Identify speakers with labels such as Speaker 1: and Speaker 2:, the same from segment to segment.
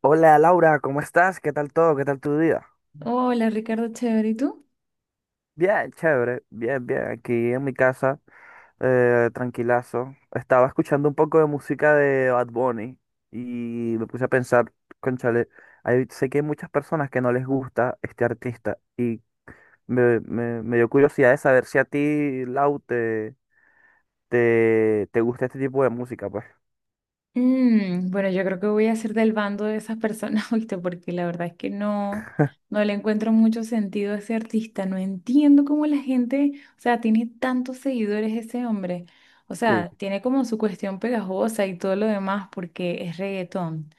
Speaker 1: Hola Laura, ¿cómo estás? ¿Qué tal todo? ¿Qué tal tu día?
Speaker 2: Hola Ricardo, chévere, ¿y tú?
Speaker 1: Bien, chévere, bien, bien. Aquí en mi casa, tranquilazo. Estaba escuchando un poco de música de Bad Bunny y me puse a pensar, cónchale, sé que hay muchas personas que no les gusta este artista y me dio curiosidad de saber si a ti, Lau, te gusta este tipo de música, pues.
Speaker 2: Bueno, yo creo que voy a ser del bando de esas personas, ¿oíste? Porque la verdad es que no le encuentro mucho sentido a ese artista. No entiendo cómo la gente, o sea, tiene tantos seguidores ese hombre. O sea,
Speaker 1: Sí.
Speaker 2: tiene como su cuestión pegajosa y todo lo demás porque es reggaetón.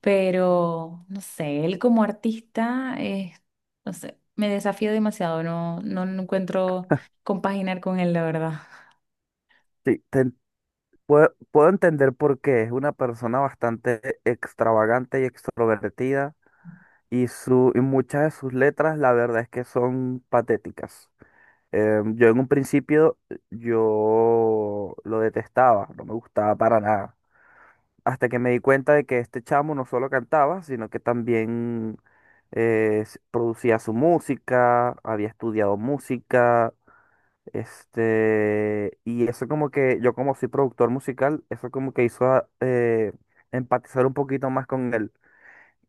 Speaker 2: Pero, no sé, él como artista, es, no sé, me desafía demasiado. No encuentro compaginar con él, la verdad.
Speaker 1: Sí, te- puedo entender por qué. Es una persona bastante extravagante y extrovertida. Y muchas de sus letras, la verdad es que son patéticas. Yo en un principio, yo lo detestaba, no me gustaba para nada. Hasta que me di cuenta de que este chamo no solo cantaba, sino que también producía su música, había estudiado música. Este, y eso como que, yo como soy productor musical, eso como que hizo empatizar un poquito más con él,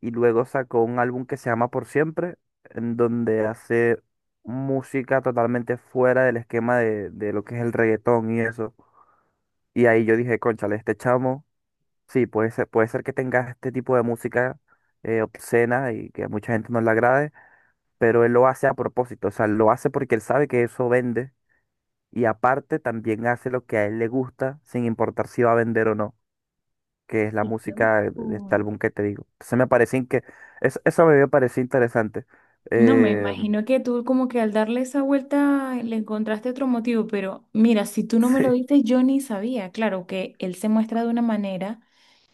Speaker 1: y luego sacó un álbum que se llama Por Siempre, en donde hace música totalmente fuera del esquema de lo que es el reggaetón y eso. Y ahí yo dije, cónchale, este chamo, sí, puede ser que tenga este tipo de música obscena, y que a mucha gente no le agrade, pero él lo hace a propósito, o sea, lo hace porque él sabe que eso vende, y aparte también hace lo que a él le gusta sin importar si va a vender o no, que es la
Speaker 2: Qué
Speaker 1: música de este
Speaker 2: loco.
Speaker 1: álbum que te digo. Entonces me parece que eso me pareció interesante.
Speaker 2: No, me
Speaker 1: Eh,
Speaker 2: imagino que tú como que al darle esa vuelta le encontraste otro motivo, pero mira, si tú no me lo
Speaker 1: sí.
Speaker 2: diste, yo ni sabía. Claro que él se muestra de una manera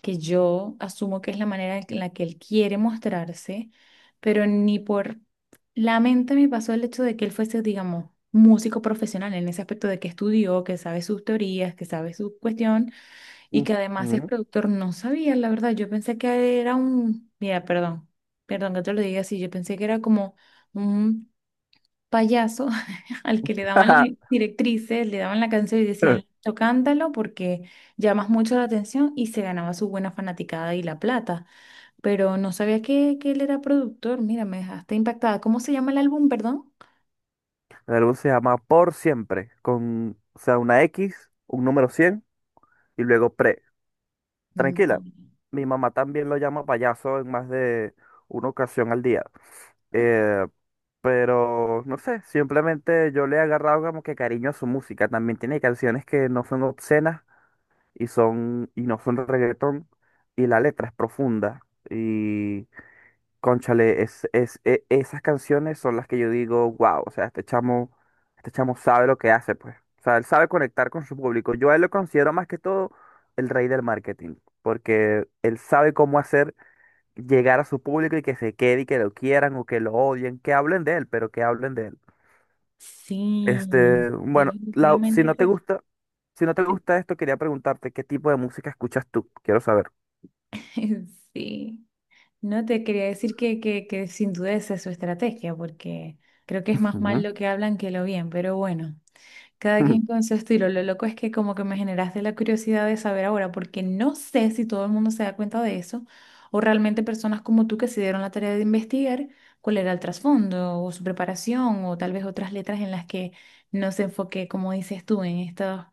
Speaker 2: que yo asumo que es la manera en la que él quiere mostrarse, pero ni por la mente me pasó el hecho de que él fuese, digamos, músico profesional en ese aspecto de que estudió, que sabe sus teorías, que sabe su cuestión y
Speaker 1: Mm,
Speaker 2: que además es
Speaker 1: mm.
Speaker 2: productor. No sabía, la verdad, yo pensé que era un, mira, perdón, perdón que te lo diga así, yo pensé que era como un payaso al que le daban las directrices, le daban la canción y decían,
Speaker 1: El
Speaker 2: "Listo, cántalo porque llamas mucho la atención y se ganaba su buena fanaticada y la plata, pero no sabía que él era productor, mira, me dejaste impactada. ¿Cómo se llama el álbum, perdón?
Speaker 1: álbum se llama Por Siempre, con, o sea, una X, un número 100 y luego pre.
Speaker 2: Mm,
Speaker 1: Tranquila, mi mamá también lo llama payaso en más de una ocasión al día. Eh, pero, no sé, simplemente yo le he agarrado como que cariño a su música. También tiene canciones que no son obscenas, y son y no son reggaetón, y la letra es profunda, y cónchale, esas canciones son las que yo digo wow, o sea, este chamo, este chamo sabe lo que hace, pues, o sea, él sabe conectar con su público. Yo a él lo considero más que todo el rey del marketing, porque él sabe cómo hacer llegar a su público, y que se quede, y que lo quieran o que lo odien, que hablen de él, pero que hablen de él.
Speaker 2: sí,
Speaker 1: Este, bueno, Lau, si
Speaker 2: definitivamente
Speaker 1: no te
Speaker 2: es
Speaker 1: gusta, si no te gusta esto, quería preguntarte qué tipo de música escuchas tú, quiero saber.
Speaker 2: ese. Sí. No te quería decir que, que sin duda esa es su estrategia, porque creo que es más mal
Speaker 1: Ujú.
Speaker 2: lo que hablan que lo bien, pero bueno, cada quien con su estilo. Lo loco es que como que me generaste la curiosidad de saber ahora, porque no sé si todo el mundo se da cuenta de eso, o realmente personas como tú que se dieron la tarea de investigar cuál era el trasfondo o su preparación, o tal vez otras letras en las que no se enfoque, como dices tú, en estos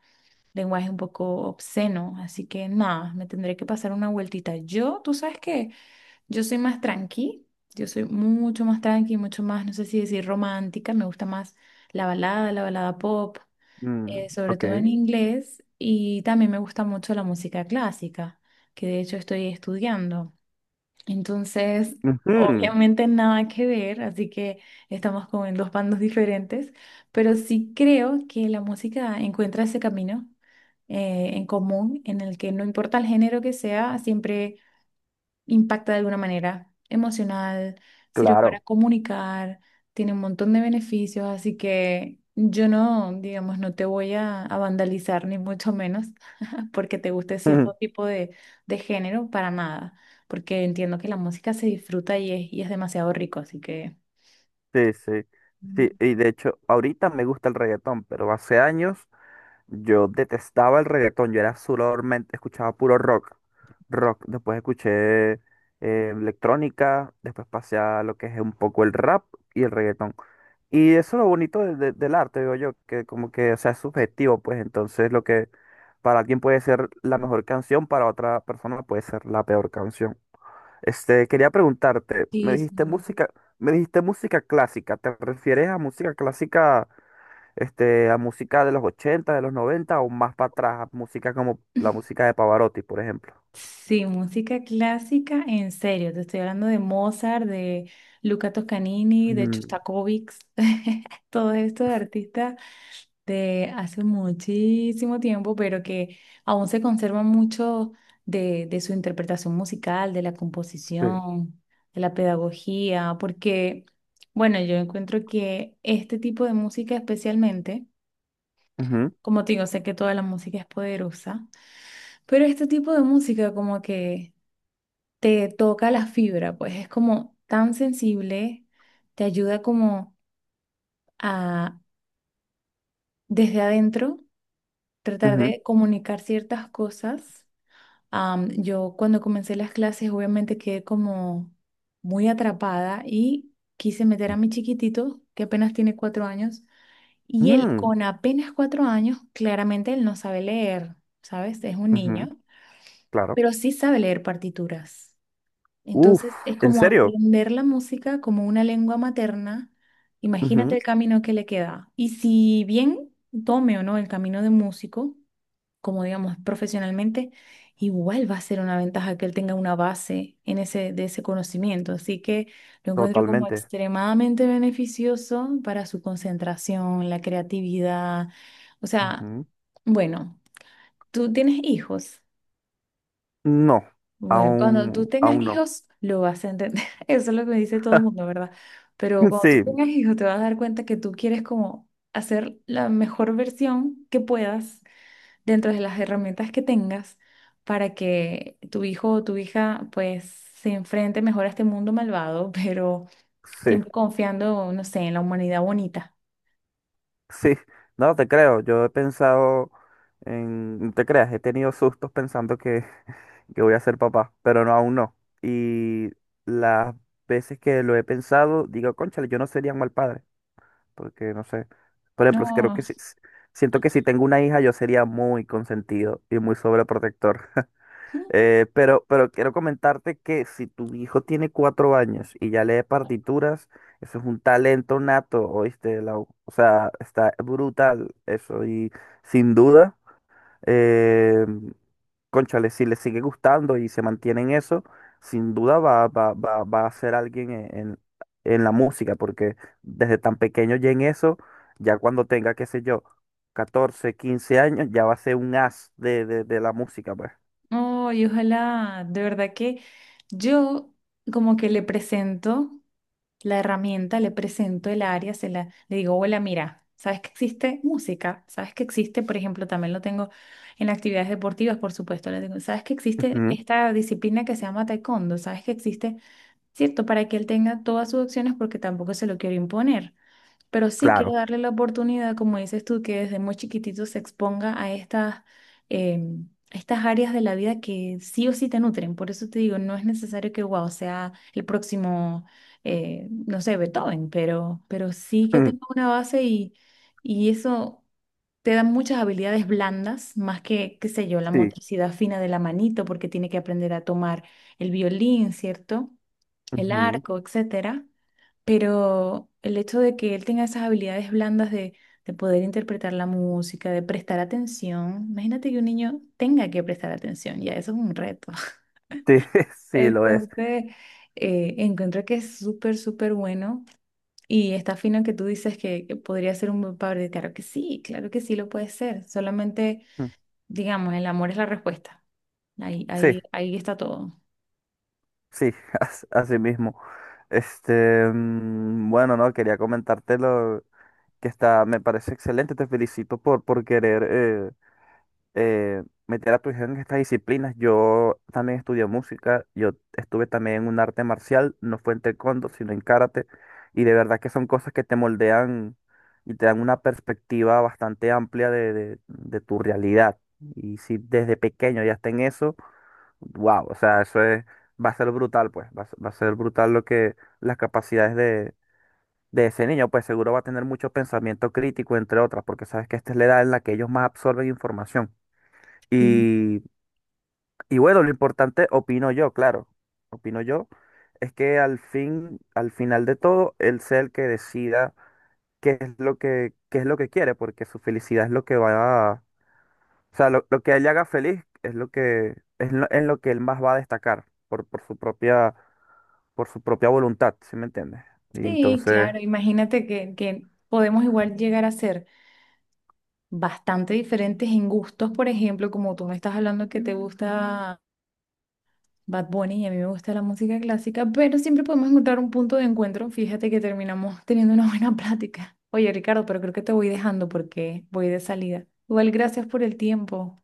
Speaker 2: lenguajes un poco obscenos. Así que nada, me tendré que pasar una vueltita. Yo, tú sabes que... Yo soy más tranqui, yo soy mucho más tranqui, mucho más, no sé si decir romántica, me gusta más la balada pop,
Speaker 1: Mm,
Speaker 2: sobre
Speaker 1: ok.
Speaker 2: todo en inglés, y también me gusta mucho la música clásica, que de hecho estoy estudiando. Entonces,
Speaker 1: Ujú,
Speaker 2: obviamente nada que ver, así que estamos como en dos bandos diferentes, pero sí creo que la música encuentra ese camino en común en el que no importa el género que sea, siempre impacta de alguna manera emocional, sirve para
Speaker 1: claro.
Speaker 2: comunicar, tiene un montón de beneficios, así que yo no, digamos, no te voy a vandalizar ni mucho menos porque te guste cierto tipo de género para nada, porque entiendo que la música se disfruta y es demasiado rico, así que...
Speaker 1: Sí, sí. Sí,
Speaker 2: Mm,
Speaker 1: y de hecho, ahorita me gusta el reggaetón, pero hace años yo detestaba el reggaetón. Yo era solamente, escuchaba puro rock. Rock. Después escuché electrónica, después pasé a lo que es un poco el rap y el reggaetón. Y eso es lo bonito del arte, digo yo, que como que, o sea, es subjetivo, pues entonces lo que para alguien puede ser la mejor canción, para otra persona puede ser la peor canción. Este, quería preguntarte,
Speaker 2: Sí, sí,
Speaker 1: me dijiste música clásica, ¿te refieres a música clásica, este, a música de los 80, de los 90 o más para atrás, a música como la música de Pavarotti, por ejemplo?
Speaker 2: sí, música clásica, en serio, te estoy hablando de Mozart, de Luca Toscanini, de
Speaker 1: Mm,
Speaker 2: Shostakovich, todos estos artistas de hace muchísimo tiempo, pero que aún se conservan mucho de, su interpretación musical, de la
Speaker 1: sí.
Speaker 2: composición, de la pedagogía, porque, bueno, yo encuentro que este tipo de música especialmente,
Speaker 1: Ujú,
Speaker 2: como te digo, sé que toda la música es poderosa, pero este tipo de música como que te toca la fibra, pues es como tan sensible, te ayuda como a desde adentro tratar
Speaker 1: ujú.
Speaker 2: de comunicar ciertas cosas. Yo cuando comencé las clases obviamente quedé como muy atrapada y quise meter a mi chiquitito, que apenas tiene cuatro años, y él
Speaker 1: Mm,
Speaker 2: con apenas cuatro años, claramente él no sabe leer, ¿sabes? Es un
Speaker 1: ujú,
Speaker 2: niño,
Speaker 1: claro.
Speaker 2: pero sí sabe leer partituras.
Speaker 1: Uf,
Speaker 2: Entonces es
Speaker 1: ¿en
Speaker 2: como
Speaker 1: serio?
Speaker 2: aprender la música como una lengua materna. Imagínate
Speaker 1: Ujú,
Speaker 2: el camino que le queda. Y si bien tome o no el camino de músico, como digamos profesionalmente, igual va a ser una ventaja que él tenga una base en ese, de ese conocimiento. Así que lo encuentro como
Speaker 1: totalmente.
Speaker 2: extremadamente beneficioso para su concentración, la creatividad. O sea,
Speaker 1: Ujú.
Speaker 2: bueno, tú tienes hijos.
Speaker 1: No,
Speaker 2: Bueno, cuando tú tengas
Speaker 1: aún no.
Speaker 2: hijos, lo vas a entender. Eso es lo que me dice todo el mundo, ¿verdad? Pero cuando tú
Speaker 1: Sí,
Speaker 2: tengas hijos, te vas a dar cuenta que tú quieres como hacer la mejor versión que puedas dentro de las herramientas que tengas para que tu hijo o tu hija pues se enfrente mejor a este mundo malvado, pero
Speaker 1: sí.
Speaker 2: siempre confiando, no sé, en la humanidad bonita.
Speaker 1: Sí, no te creo. Yo he pensado en, no te creas, he tenido sustos pensando que voy a ser papá, pero no, aún no. Y las veces que lo he pensado, digo, cónchale, yo no sería un mal padre, porque no sé. Por ejemplo, creo que
Speaker 2: No,
Speaker 1: siento que si tengo una hija, yo sería muy consentido y muy sobreprotector. Pero quiero comentarte que si tu hijo tiene 4 años y ya lee partituras, eso es un talento nato, ¿oíste, Lau? O sea, está brutal eso. Y sin duda, eh, cónchale, si le sigue gustando y se mantiene en eso, sin duda va a ser alguien en la música, porque desde tan pequeño ya en eso, ya cuando tenga, qué sé yo, 14 15 años, ya va a ser un as de la música, pues.
Speaker 2: no, y ojalá, de verdad que yo como que le presento. La herramienta, le presento el área, le digo, hola, mira, ¿sabes que existe música? ¿Sabes que existe, por ejemplo, también lo tengo en actividades deportivas, por supuesto, le digo, ¿sabes que existe
Speaker 1: Ujú,
Speaker 2: esta disciplina que se llama taekwondo? ¿Sabes que existe, cierto, para que él tenga todas sus opciones porque tampoco se lo quiero imponer? Pero sí quiero
Speaker 1: claro.
Speaker 2: darle la oportunidad, como dices tú, que desde muy chiquitito se exponga a estas, a estas áreas de la vida que sí o sí te nutren. Por eso te digo, no es necesario que, wow, sea el próximo, no sé, Beethoven, pero sí que
Speaker 1: Mm,
Speaker 2: tenga una base y eso te da muchas habilidades blandas, más que, qué sé yo, la
Speaker 1: sí,
Speaker 2: motricidad fina de la manito, porque tiene que aprender a tomar el violín, ¿cierto? El
Speaker 1: ujú,
Speaker 2: arco, etcétera, pero el hecho de que él tenga esas habilidades blandas de, poder interpretar la música, de prestar atención, imagínate que un niño tenga que prestar atención, ya eso es un reto.
Speaker 1: sí, sí lo es.
Speaker 2: Entonces, encuentro que es súper, súper bueno y está fino que tú dices que podría ser un buen padre. Claro que sí lo puede ser. Solamente,
Speaker 1: Mm,
Speaker 2: digamos, el amor es la respuesta. Ahí,
Speaker 1: sí,
Speaker 2: ahí, ahí está todo.
Speaker 1: sí, así mismo. Este, mm, bueno, no, quería comentártelo que está, me parece excelente, te felicito por querer meter a tu hija en estas disciplinas. Yo también estudié música, yo estuve también en un arte marcial, no fue en taekwondo, sino en karate, y de verdad que son cosas que te moldean y te dan una perspectiva bastante amplia de tu realidad. Y si desde pequeño ya está en eso, wow, o sea, eso es, va a ser brutal, pues, va a ser brutal lo que las capacidades de ese niño, pues seguro va a tener mucho pensamiento crítico, entre otras, porque sabes que esta es la edad en la que ellos más absorben información. Y, y bueno, lo importante, opino yo, claro, opino yo, es que al fin, al final de todo, él sea el que decida qué es lo que, qué es lo que quiere, porque su felicidad es lo que va a, o sea, lo que a él le haga feliz es lo que, es lo, en lo que él más va a destacar por su propia voluntad, ¿sí me entiendes? Y
Speaker 2: Sí,
Speaker 1: entonces,
Speaker 2: claro, imagínate que podemos igual llegar a ser bastante diferentes en gustos, por ejemplo, como tú me estás hablando que te gusta Bad Bunny y a mí me gusta la música clásica, pero siempre podemos encontrar un punto de encuentro. Fíjate que terminamos teniendo una buena plática. Oye, Ricardo, pero creo que te voy dejando porque voy de salida. Igual, gracias por el tiempo.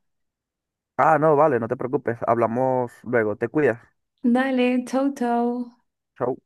Speaker 1: ah, no, vale, no te preocupes, hablamos luego, te cuidas,
Speaker 2: Dale, chau, chau.
Speaker 1: chau.